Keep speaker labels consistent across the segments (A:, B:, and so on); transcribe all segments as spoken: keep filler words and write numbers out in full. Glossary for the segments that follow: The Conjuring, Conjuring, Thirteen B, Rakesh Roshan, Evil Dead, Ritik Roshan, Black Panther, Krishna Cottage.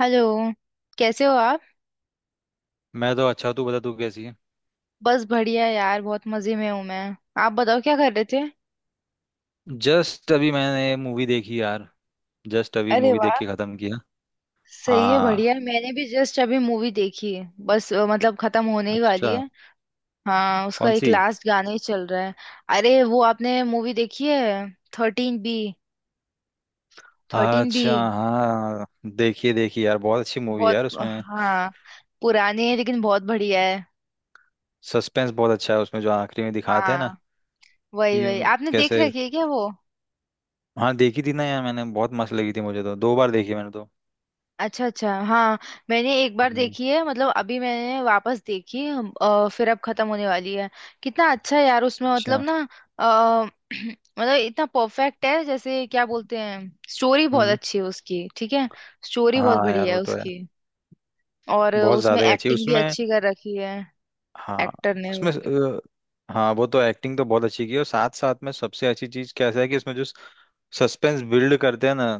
A: Hello. कैसे हो आप।
B: मैं तो अच्छा हूँ, तू बता तू कैसी है।
A: बस बढ़िया यार, बहुत मजे में हूँ मैं। आप बताओ क्या कर रहे थे।
B: जस्ट अभी मैंने मूवी देखी यार। जस्ट अभी
A: अरे
B: मूवी देख
A: वाह,
B: के खत्म किया।
A: सही है,
B: हाँ।
A: बढ़िया। मैंने भी जस्ट अभी मूवी देखी है, बस अ, मतलब खत्म होने ही वाली
B: अच्छा।
A: है। हाँ, उसका
B: कौन
A: एक
B: सी?
A: लास्ट गाना ही चल रहा है। अरे वो आपने मूवी देखी है, थर्टीन बी। Thirteen B.
B: अच्छा हाँ। देखिए देखिए यार, बहुत अच्छी मूवी है
A: बहुत।
B: यार, उसमें
A: हाँ, पुरानी है लेकिन बहुत बढ़िया है।
B: सस्पेंस बहुत अच्छा है उसमें, जो आखिरी में दिखाते हैं ना
A: हाँ, वही वही
B: कि
A: आपने देख
B: कैसे।
A: रखी है क्या वो।
B: हाँ, देखी थी ना यार मैंने, बहुत मस्त लगी थी मुझे तो, दो बार देखी मैंने तो।
A: अच्छा अच्छा, हाँ। मैंने एक बार
B: हम्म।
A: देखी है, मतलब अभी मैंने वापस देखी हम, अ, फिर अब खत्म होने वाली है। कितना अच्छा है यार उसमें, मतलब
B: अच्छा।
A: ना। अ, मतलब इतना परफेक्ट है, जैसे क्या बोलते हैं। स्टोरी बहुत
B: हम्म।
A: अच्छी है उसकी, ठीक है। स्टोरी बहुत
B: हाँ यार
A: बढ़िया
B: वो
A: है
B: तो है।
A: उसकी। और
B: बहुत
A: उसमें
B: ज्यादा ही अच्छी
A: एक्टिंग भी
B: उसमें।
A: अच्छी कर रखी है।
B: हाँ।
A: एक्टर ने
B: उसमें
A: वो।
B: अ, हाँ वो तो एक्टिंग तो बहुत अच्छी की है, और साथ साथ में सबसे अच्छी चीज कैसा है कि उसमें जो सस्पेंस बिल्ड करते हैं ना,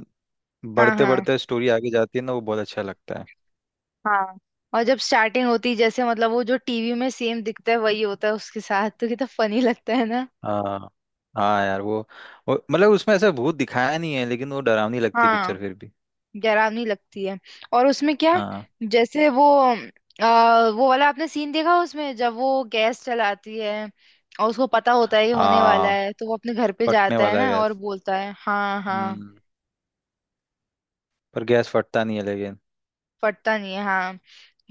A: हाँ
B: बढ़ते
A: हाँ।
B: बढ़ते स्टोरी आगे जाती है ना, वो बहुत अच्छा लगता है।
A: हाँ, और जब स्टार्टिंग होती है, जैसे मतलब वो जो टीवी में सेम दिखता है वही होता है उसके साथ, तो कितना फनी लगता है ना।
B: हाँ। हाँ यार वो, वो मतलब उसमें ऐसा भूत दिखाया नहीं है, लेकिन वो डरावनी लगती है
A: हाँ,
B: पिक्चर फिर भी।
A: डरावनी लगती है। और उसमें क्या,
B: हाँ।
A: जैसे वो आ, वो वाला आपने सीन देखा, उसमें जब वो गैस चलाती है और उसको पता होता है ये होने वाला
B: हाँ,
A: है, तो वो अपने घर पे
B: फटने
A: जाता है
B: वाला है
A: ना और
B: गैस।
A: बोलता है। हाँ हाँ,
B: हम्म। पर गैस फटता नहीं है लेकिन।
A: फटता नहीं है, हाँ।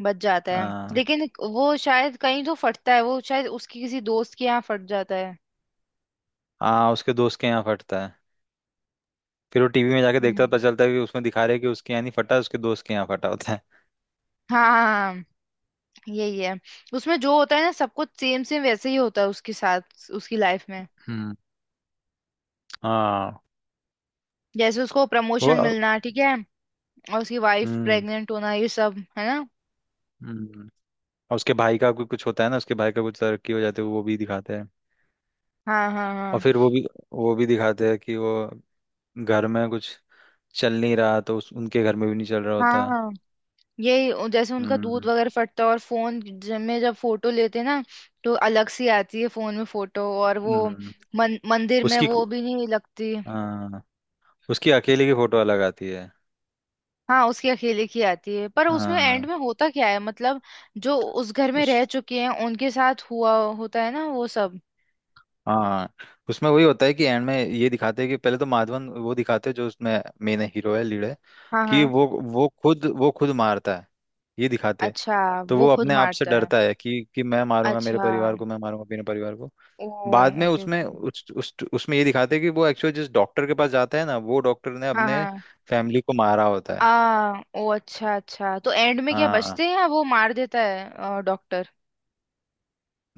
A: बच जाता है।
B: हाँ।
A: लेकिन वो शायद कहीं तो फटता है, वो शायद उसकी किसी दोस्त के यहाँ फट जाता है।
B: हाँ उसके दोस्त के यहाँ फटता है। फिर वो टीवी में जाके देखता है, पता
A: हम्म।
B: चलता है कि उसमें दिखा रहे हैं कि उसके यहाँ नहीं फटा, उसके दोस्त के यहाँ फटा होता है।
A: हाँ हाँ। हाँ, यही है। उसमें जो होता है ना, सब कुछ सेम सेम वैसे ही होता है उसके साथ उसकी लाइफ में।
B: हम्म। हाँ
A: जैसे उसको
B: वो।
A: प्रमोशन मिलना, ठीक है। और उसकी वाइफ
B: हम्म।
A: प्रेग्नेंट होना, ये सब है ना।
B: हम्म। और उसके भाई का भी कुछ होता है ना, उसके भाई का कुछ तरक्की हो जाती है वो भी दिखाते हैं।
A: हाँ हाँ।
B: और फिर वो भी वो भी दिखाते हैं कि वो घर में कुछ चल नहीं रहा, तो उस, उनके घर में भी नहीं चल रहा
A: हाँ
B: होता।
A: हाँ, यही उ- जैसे उनका दूध
B: हम्म।
A: वगैरह फटता है। और फोन ज- में जब फोटो लेते हैं ना, तो अलग सी आती है फोन में फोटो। और वो
B: हम्म।
A: मन, मंदिर में
B: उसकी।
A: वो भी नहीं लगती।
B: हाँ उसकी अकेले की फोटो अलग आती है।
A: हाँ, उसकी अकेले की आती है, पर उसमें एंड
B: हाँ
A: में होता क्या है मतलब, जो उस घर में रह
B: उस।
A: चुके हैं उनके साथ हुआ होता है ना वो सब।
B: हाँ उसमें वही होता है कि एंड में ये दिखाते हैं कि पहले तो माधवन वो दिखाते हैं, जो उसमें मेन हीरो है, लीड है।
A: हाँ
B: कि
A: हाँ।
B: वो वो खुद वो खुद मारता है, ये दिखाते हैं।
A: अच्छा,
B: तो
A: वो
B: वो
A: खुद
B: अपने आप से
A: मारता है।
B: डरता है कि कि मैं मारूंगा मेरे
A: अच्छा।
B: परिवार को, मैं मारूंगा अपने परिवार को।
A: ओ।
B: बाद में
A: ओके
B: उसमें
A: ओके।
B: उस, उस उसमें ये दिखाते हैं कि वो एक्चुअली जिस डॉक्टर के पास जाता है ना, वो डॉक्टर ने
A: हाँ
B: अपने
A: हाँ।
B: फैमिली को मारा होता
A: आ,
B: है।
A: ओ अच्छा अच्छा, तो एंड में क्या
B: हाँ।
A: बचते हैं या वो मार देता है डॉक्टर।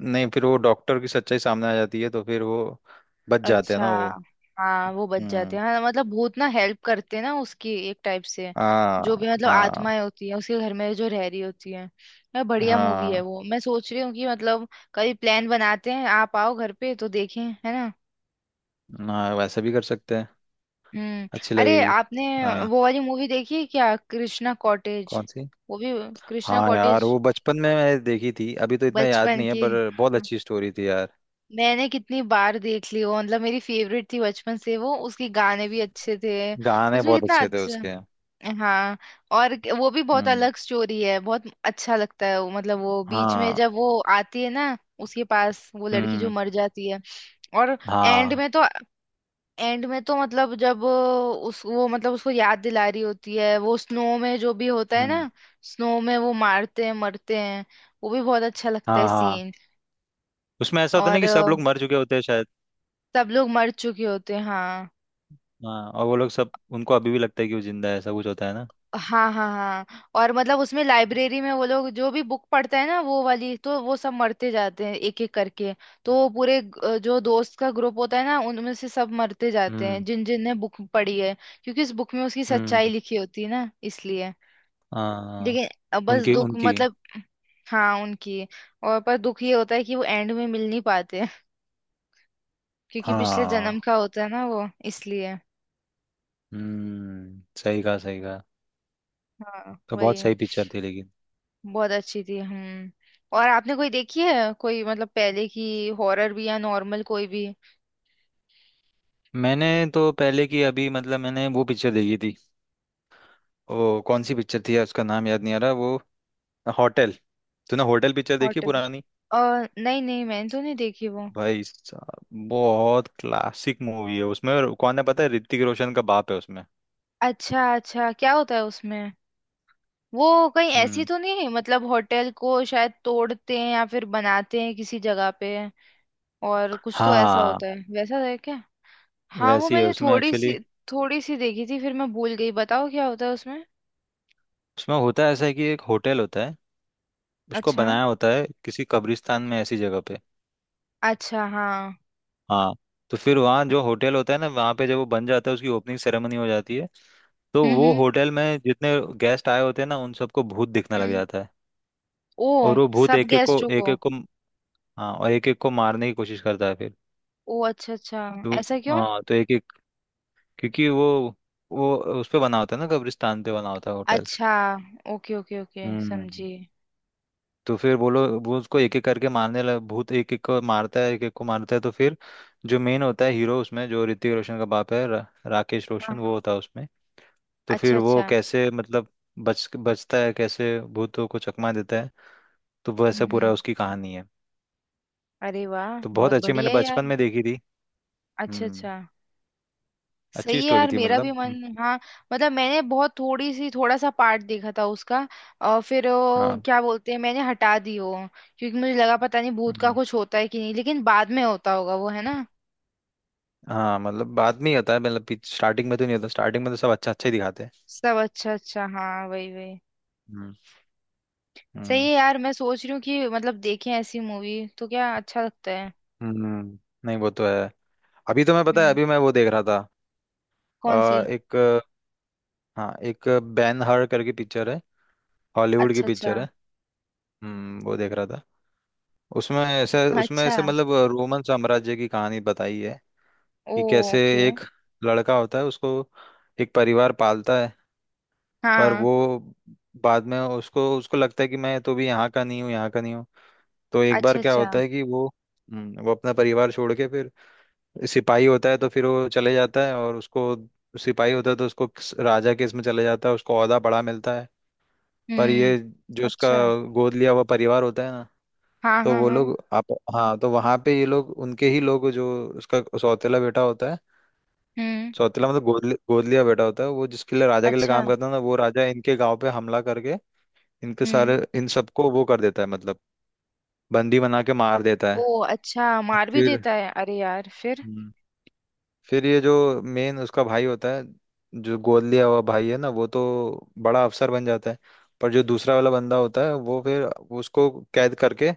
B: नहीं, फिर वो डॉक्टर की सच्चाई सामने आ जाती है तो फिर वो बच जाते हैं
A: अच्छा।
B: ना वो।
A: हाँ, वो बच जाते
B: हम्म।
A: हैं, हाँ। मतलब भूत ना हेल्प करते हैं ना उसकी, एक टाइप से। जो
B: हाँ
A: भी मतलब
B: हाँ
A: आत्माएं होती है उसके घर में जो रह रही होती है। यार, बढ़िया मूवी है
B: हाँ।
A: वो। मैं सोच रही हूँ कि मतलब कभी प्लान बनाते हैं, आप आओ घर पे तो देखें, है ना।
B: हाँ वैसे भी कर सकते हैं।
A: हम्म।
B: अच्छी
A: अरे
B: लगेगी।
A: आपने
B: हाँ।
A: वो वाली मूवी देखी है क्या, कृष्णा कॉटेज।
B: कौन सी?
A: वो भी कृष्णा
B: हाँ यार
A: कॉटेज।
B: वो बचपन में मैंने देखी थी, अभी तो इतना याद
A: बचपन
B: नहीं है
A: की।
B: पर बहुत अच्छी स्टोरी थी यार।
A: मैंने कितनी बार देख ली वो, मतलब मेरी फेवरेट थी बचपन से वो। उसके गाने भी अच्छे थे।
B: गाने
A: उसमें
B: बहुत
A: कितना
B: अच्छे थे उसके।
A: अच्छा। हाँ, और क- वो भी बहुत
B: हम्म।
A: अलग स्टोरी है, बहुत अच्छा लगता है वो। मतलब वो बीच में
B: हाँ।
A: जब वो आती है ना उसके पास, वो लड़की जो
B: हम्म।
A: मर जाती है। और एंड
B: हाँ।
A: में तो, एंड में तो मतलब जब उस वो मतलब उसको याद दिला रही होती है वो, स्नो में जो भी होता है
B: हम्म।
A: ना। स्नो में वो मारते हैं, मरते हैं। वो भी बहुत अच्छा लगता है
B: हाँ। हाँ।
A: सीन।
B: उसमें ऐसा होता है ना कि सब
A: और
B: लोग मर चुके होते हैं शायद।
A: सब लोग मर चुके होते हैं, हाँ।
B: हाँ और वो लोग सब उनको अभी भी लगता है कि वो जिंदा है, ऐसा कुछ होता है ना।
A: हाँ हाँ हाँ, और मतलब उसमें लाइब्रेरी में वो लोग जो भी बुक पढ़ता है ना वो वाली, तो वो सब मरते जाते हैं एक एक करके। तो वो पूरे ग- अ, जो दोस्त का ग्रुप होता है ना, उनमें से सब मरते जाते हैं
B: हम्म।
A: जिन जिन ने बुक पढ़ी है। क्योंकि उस बुक में उसकी सच्चाई
B: हम्म।
A: लिखी होती है ना, इसलिए।
B: हाँ।
A: लेकिन अ, बस
B: उनकी
A: दुख
B: उनकी
A: मतलब। हाँ उनकी। और पर दुख ये होता है कि वो एंड में मिल नहीं पाते क्योंकि पिछले जन्म
B: हाँ,
A: का होता है ना वो, इसलिए।
B: हम्म, सही कहा, सही कहा।
A: हाँ,
B: तो बहुत
A: वही।
B: सही पिक्चर थी लेकिन।
A: बहुत अच्छी थी, हम्म। और आपने कोई देखी है कोई, मतलब पहले की हॉरर भी या नॉर्मल कोई भी।
B: मैंने तो पहले की, अभी मतलब मैंने वो पिक्चर देखी थी। ओ, कौन सी पिक्चर थी यार, उसका नाम याद नहीं आ रहा वो। होटल। तूने होटल पिक्चर देखी
A: होटल।
B: पुरानी?
A: और नहीं नहीं, मैंने तो नहीं देखी वो।
B: भाई साहब बहुत क्लासिक मूवी है, उसमें कौन है पता है, ऋतिक रोशन का बाप है उसमें।
A: अच्छा अच्छा, क्या होता है उसमें। वो कहीं ऐसी
B: हम्म।
A: तो नहीं है, मतलब होटल को शायद तोड़ते हैं या फिर बनाते हैं किसी जगह पे और कुछ तो ऐसा
B: हाँ
A: होता है, वैसा है क्या। हाँ, वो
B: वैसी है
A: मैंने
B: उसमें
A: थोड़ी
B: एक्चुअली।
A: सी, थोड़ी सी देखी थी फिर मैं भूल गई, बताओ क्या होता है उसमें।
B: उसमें होता है ऐसा है कि एक होटल होता है, उसको
A: अच्छा।
B: बनाया होता है किसी कब्रिस्तान में ऐसी जगह पे।
A: अच्छा, हाँ।
B: हाँ। तो फिर वहाँ जो होटल होता है ना, वहाँ पे जब वो बन जाता है उसकी ओपनिंग सेरेमनी हो जाती है, तो
A: हम्म
B: वो
A: हम्म।
B: होटल में जितने गेस्ट आए होते हैं ना, उन सबको भूत दिखने लग
A: हम्म।
B: जाता है।
A: ओ।
B: और वो भूत
A: सब
B: एक एक को
A: गेस्टों
B: एक
A: को।
B: एक को। हाँ और एक एक को मारने की कोशिश करता है फिर।
A: ओ अच्छा अच्छा,
B: तो
A: ऐसा क्यों।
B: हाँ, तो एक, क्योंकि वो वो उस पे बना होता है ना, कब्रिस्तान पे बना होता है होटल।
A: अच्छा, ओके ओके ओके,
B: हम्म।
A: समझी।
B: तो फिर बोलो वो उसको एक एक करके मारने लग, भूत एक एक को मारता है, एक एक को मारता है, तो फिर जो मेन होता है हीरो उसमें, जो ऋतिक रोशन का बाप है, रा, राकेश
A: हाँ
B: रोशन वो
A: हाँ,
B: होता है उसमें। तो
A: अच्छा
B: फिर वो
A: अच्छा।
B: कैसे मतलब बच बचता है, कैसे भूतों को चकमा देता है, तो वैसा पूरा
A: हम्म।
B: उसकी कहानी है।
A: अरे वाह,
B: तो बहुत
A: बहुत
B: अच्छी, मैंने
A: बढ़िया है यार।
B: बचपन में देखी थी।
A: अच्छा
B: हम्म।
A: अच्छा। सही
B: अच्छी
A: है
B: स्टोरी
A: यार,
B: थी
A: मेरा भी
B: मतलब, हम्म,
A: मन, हाँ। मतलब मैंने बहुत थोड़ी सी, थोड़ा सा पार्ट देखा था उसका। और फिर वो
B: हाँ।
A: क्या बोलते हैं, मैंने हटा दी वो। क्योंकि मुझे लगा पता नहीं भूत का
B: हम्म।
A: कुछ होता है कि नहीं, लेकिन बाद में होता होगा वो, है ना।
B: हाँ मतलब बाद में ही आता है, मतलब स्टार्टिंग में तो नहीं होता, स्टार्टिंग में तो सब अच्छा अच्छा ही दिखाते हैं।
A: सब अच्छा अच्छा, हाँ वही वही।
B: हम्म।
A: सही
B: हम्म।
A: है यार, मैं सोच रही हूँ कि मतलब देखें ऐसी मूवी, तो क्या अच्छा लगता है।
B: हम्म, नहीं वो तो है। अभी तो मैं पता है,
A: हम्म।
B: अभी मैं वो देख रहा था।
A: कौन सी।
B: अ, एक। हाँ एक बैन हर करके पिक्चर है। हॉलीवुड की
A: अच्छा अच्छा
B: पिक्चर है। हम्म, वो देख रहा था। उसमें ऐसे उसमें
A: अच्छा।
B: ऐसे मतलब रोमन साम्राज्य की कहानी बताई है
A: ओ।
B: कि कैसे
A: ओके।
B: एक लड़का होता है, उसको एक परिवार पालता है। पर
A: हाँ।
B: वो बाद में उसको उसको लगता है कि मैं तो भी यहाँ का नहीं हूँ, यहाँ का नहीं हूँ। तो एक
A: अच्छा
B: बार क्या
A: अच्छा।
B: होता है कि वो हम्म, वो अपना परिवार छोड़ के फिर सिपाही होता है, तो फिर वो चले जाता है, और उसको सिपाही होता है तो उसको किस- राजा के इसमें चले जाता है, उसको ओहदा बड़ा मिलता है। पर
A: हम्म।
B: ये जो उसका
A: अच्छा।
B: गोद लिया हुआ परिवार होता है ना,
A: हाँ
B: तो
A: हाँ
B: वो
A: हाँ।
B: लोग आप, हाँ तो वहां पे ये लोग उनके ही लोग, जो उसका सौतेला बेटा होता है।
A: हम्म।
B: सौतेला मतलब गोद लि- गोद लिया बेटा होता है, वो जिसके लिए, राजा के लिए
A: अच्छा।
B: काम करता है ना, वो राजा इनके गांव पे हमला करके इनके
A: हम्म।
B: सारे इन सबको वो कर देता है, मतलब बंदी बना के मार देता है।
A: ओ अच्छा,
B: तो
A: मार भी
B: फिर,
A: देता है, अरे यार, फिर।
B: हम्म, फिर ये जो मेन उसका भाई होता है, जो गोद लिया हुआ भाई है ना, वो तो बड़ा अफसर बन जाता है। पर जो दूसरा वाला बंदा होता है वो फिर, उसको कैद करके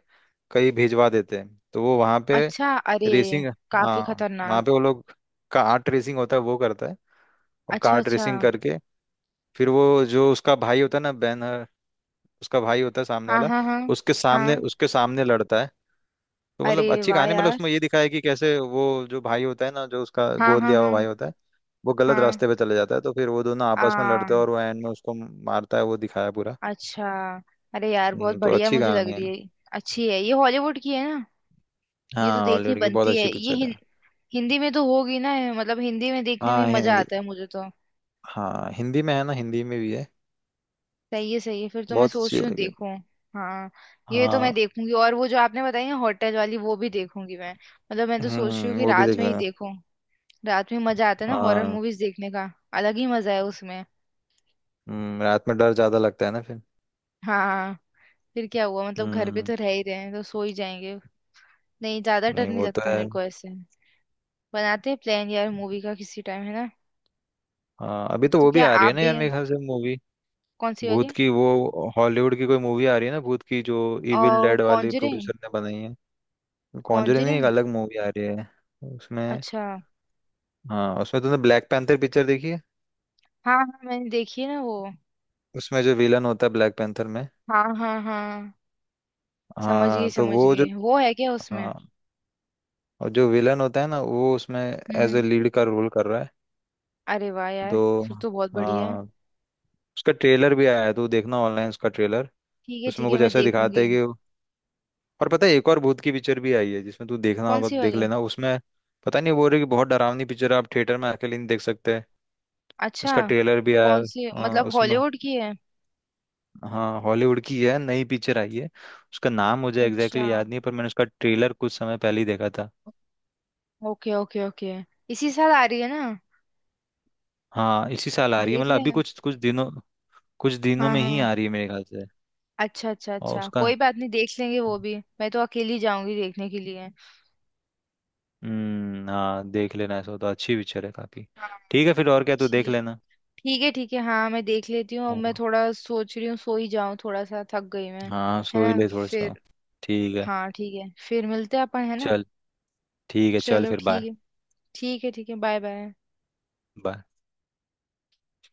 B: कहीं भिजवा देते हैं, तो वो वहाँ पे
A: अच्छा, अरे,
B: रेसिंग।
A: काफी
B: हाँ वहाँ
A: खतरनाक।
B: पे वो लोग कार्ट रेसिंग होता है वो करता है, और
A: अच्छा
B: कार्ट
A: अच्छा।
B: रेसिंग करके फिर वो, जो उसका भाई होता है ना, बैनर उसका भाई होता है सामने
A: हाँ
B: वाला,
A: हाँ हाँ।
B: उसके सामने
A: हाँ,
B: उसके सामने लड़ता है। तो
A: अरे
B: मतलब अच्छी
A: वाह
B: कहानी, मतलब
A: यार।
B: उसमें ये दिखाया है कि कैसे वो, जो भाई होता है ना, जो उसका
A: हाँ
B: गोद
A: हाँ
B: लिया हुआ
A: हाँ।
B: भाई होता है, वो गलत
A: हाँ,
B: रास्ते पे चले जाता है तो फिर वो दोनों आपस में
A: आ,
B: लड़ते हैं, और वो एंड में उसको मारता है, वो दिखाया पूरा।
A: अच्छा। अरे यार, बहुत
B: हम्म, तो
A: बढ़िया
B: अच्छी
A: मुझे लग
B: कहानी है।
A: रही है। अच्छी है, ये हॉलीवुड की है ना। ये तो
B: हाँ,
A: देखनी
B: हॉलीवुड की बहुत
A: बनती है
B: अच्छी
A: ये।
B: पिक्चर है।
A: हिंदी में तो होगी ना, मतलब हिंदी में देखने में
B: हाँ
A: ही मजा
B: हिंदी।
A: आता है मुझे तो।
B: हाँ हिंदी में है ना, हिंदी में भी है।
A: सही है, सही है, फिर तो मैं
B: बहुत अच्छी
A: सोच रही हूँ
B: लगी।
A: देखूं। हाँ। ये तो
B: हाँ।
A: मैं देखूंगी, और वो जो आपने बताई ना होटल वाली वो भी देखूंगी मैं। मतलब मैं तो सोच रही हूँ
B: हम्म
A: कि
B: वो भी
A: रात
B: देख
A: में ही
B: लेना।
A: देखूं। रात में मजा आता है ना हॉरर
B: हाँ।
A: मूवीज देखने का। अलग ही मजा है उसमें।
B: हम्म, रात में डर ज्यादा लगता है ना फिर।
A: हाँ। फिर क्या हुआ, मतलब घर पे
B: हम्म।
A: तो रह ही रहे हैं तो सो ही जाएंगे। नहीं, ज्यादा डर
B: नहीं
A: नहीं
B: वो तो
A: लगता
B: है।
A: मेरे को ऐसे। बनाते हैं प्लान यार मूवी का किसी टाइम, है ना।
B: हाँ अभी तो
A: तो
B: वो भी
A: क्या
B: आ रही
A: आप
B: है ना
A: भी।
B: यार, मेरे ख्याल से मूवी।
A: कौन सी
B: भूत
A: वाली।
B: की, वो हॉलीवुड की कोई मूवी आ रही है ना, भूत की, जो इविल
A: और
B: डेड वाली
A: कॉन्जरिंग।
B: प्रोड्यूसर ने बनाई है। कॉन्जरिंग नहीं, एक
A: कॉन्जरिंग।
B: अलग मूवी आ रही है उसमें।
A: अच्छा।
B: हाँ उसमें, तुमने ब्लैक पैंथर पिक्चर देखी है?
A: हाँ हाँ, मैंने देखी है ना वो।
B: उसमें जो विलन होता है ब्लैक पैंथर में।
A: हाँ हाँ हाँ। समझ गई
B: हाँ तो
A: समझ
B: वो
A: गई,
B: जो,
A: वो है क्या उसमें।
B: हाँ और जो विलन होता है ना वो, उसमें
A: हम्म
B: एज ए
A: हम्म।
B: लीड का रोल कर रहा है।
A: अरे वाह यार,
B: तो
A: फिर तो बहुत बढ़िया है।
B: हाँ, उसका ट्रेलर भी आया है तो देखना ऑनलाइन, उसका ट्रेलर।
A: ठीक है ठीक
B: उसमें
A: है,
B: कुछ
A: मैं
B: ऐसा दिखाते
A: देखूंगी।
B: हैं कि, और पता है, एक और भूत की पिक्चर भी आई है, जिसमें तू देखना
A: कौन
B: होगा तो
A: सी
B: देख
A: वाली।
B: लेना उसमें। पता नहीं, बोल रही कि बहुत डरावनी पिक्चर है, आप थिएटर में अकेले नहीं देख सकते।
A: अच्छा।
B: उसका ट्रेलर भी आया
A: कौन
B: है।
A: सी,
B: हाँ
A: मतलब
B: उसमें।
A: हॉलीवुड की है।
B: हाँ हॉलीवुड की है, नई पिक्चर आई है। उसका नाम मुझे एग्जैक्टली
A: अच्छा,
B: exactly याद नहीं है, पर मैंने उसका ट्रेलर कुछ समय पहले ही देखा था।
A: Okay okay okay. इसी साल आ रही है ना।
B: हाँ इसी साल आ रही है,
A: देख
B: मतलब अभी
A: लें।
B: कुछ कुछ दिनों, कुछ दिनों
A: हाँ
B: में ही
A: हाँ।
B: आ रही है मेरे ख्याल से।
A: अच्छा अच्छा
B: और
A: अच्छा,
B: उसका।
A: कोई बात नहीं, देख लेंगे वो भी। मैं तो अकेली जाऊंगी देखने के लिए।
B: हम्म, हाँ देख लेना, ऐसा हो तो अच्छी पिक्चर है काफी।
A: हाँ।
B: ठीक है फिर, और क्या, तू देख
A: ठीक।
B: लेना।
A: ठीक है ठीक है, हाँ, मैं देख लेती हूँ। अब मैं
B: हाँ,
A: थोड़ा सोच रही हूँ सो ही जाऊँ, थोड़ा सा थक गई मैं।
B: हाँ
A: है
B: सो ही
A: ना।
B: ले थोड़ा सा।
A: फिर।
B: ठीक है
A: हाँ ठीक है, फिर मिलते हैं अपन, है ना।
B: चल। ठीक है चल,
A: चलो,
B: फिर बाय।
A: ठीक है। ठीक है, ठीक है, बाय बाय।
B: बाय।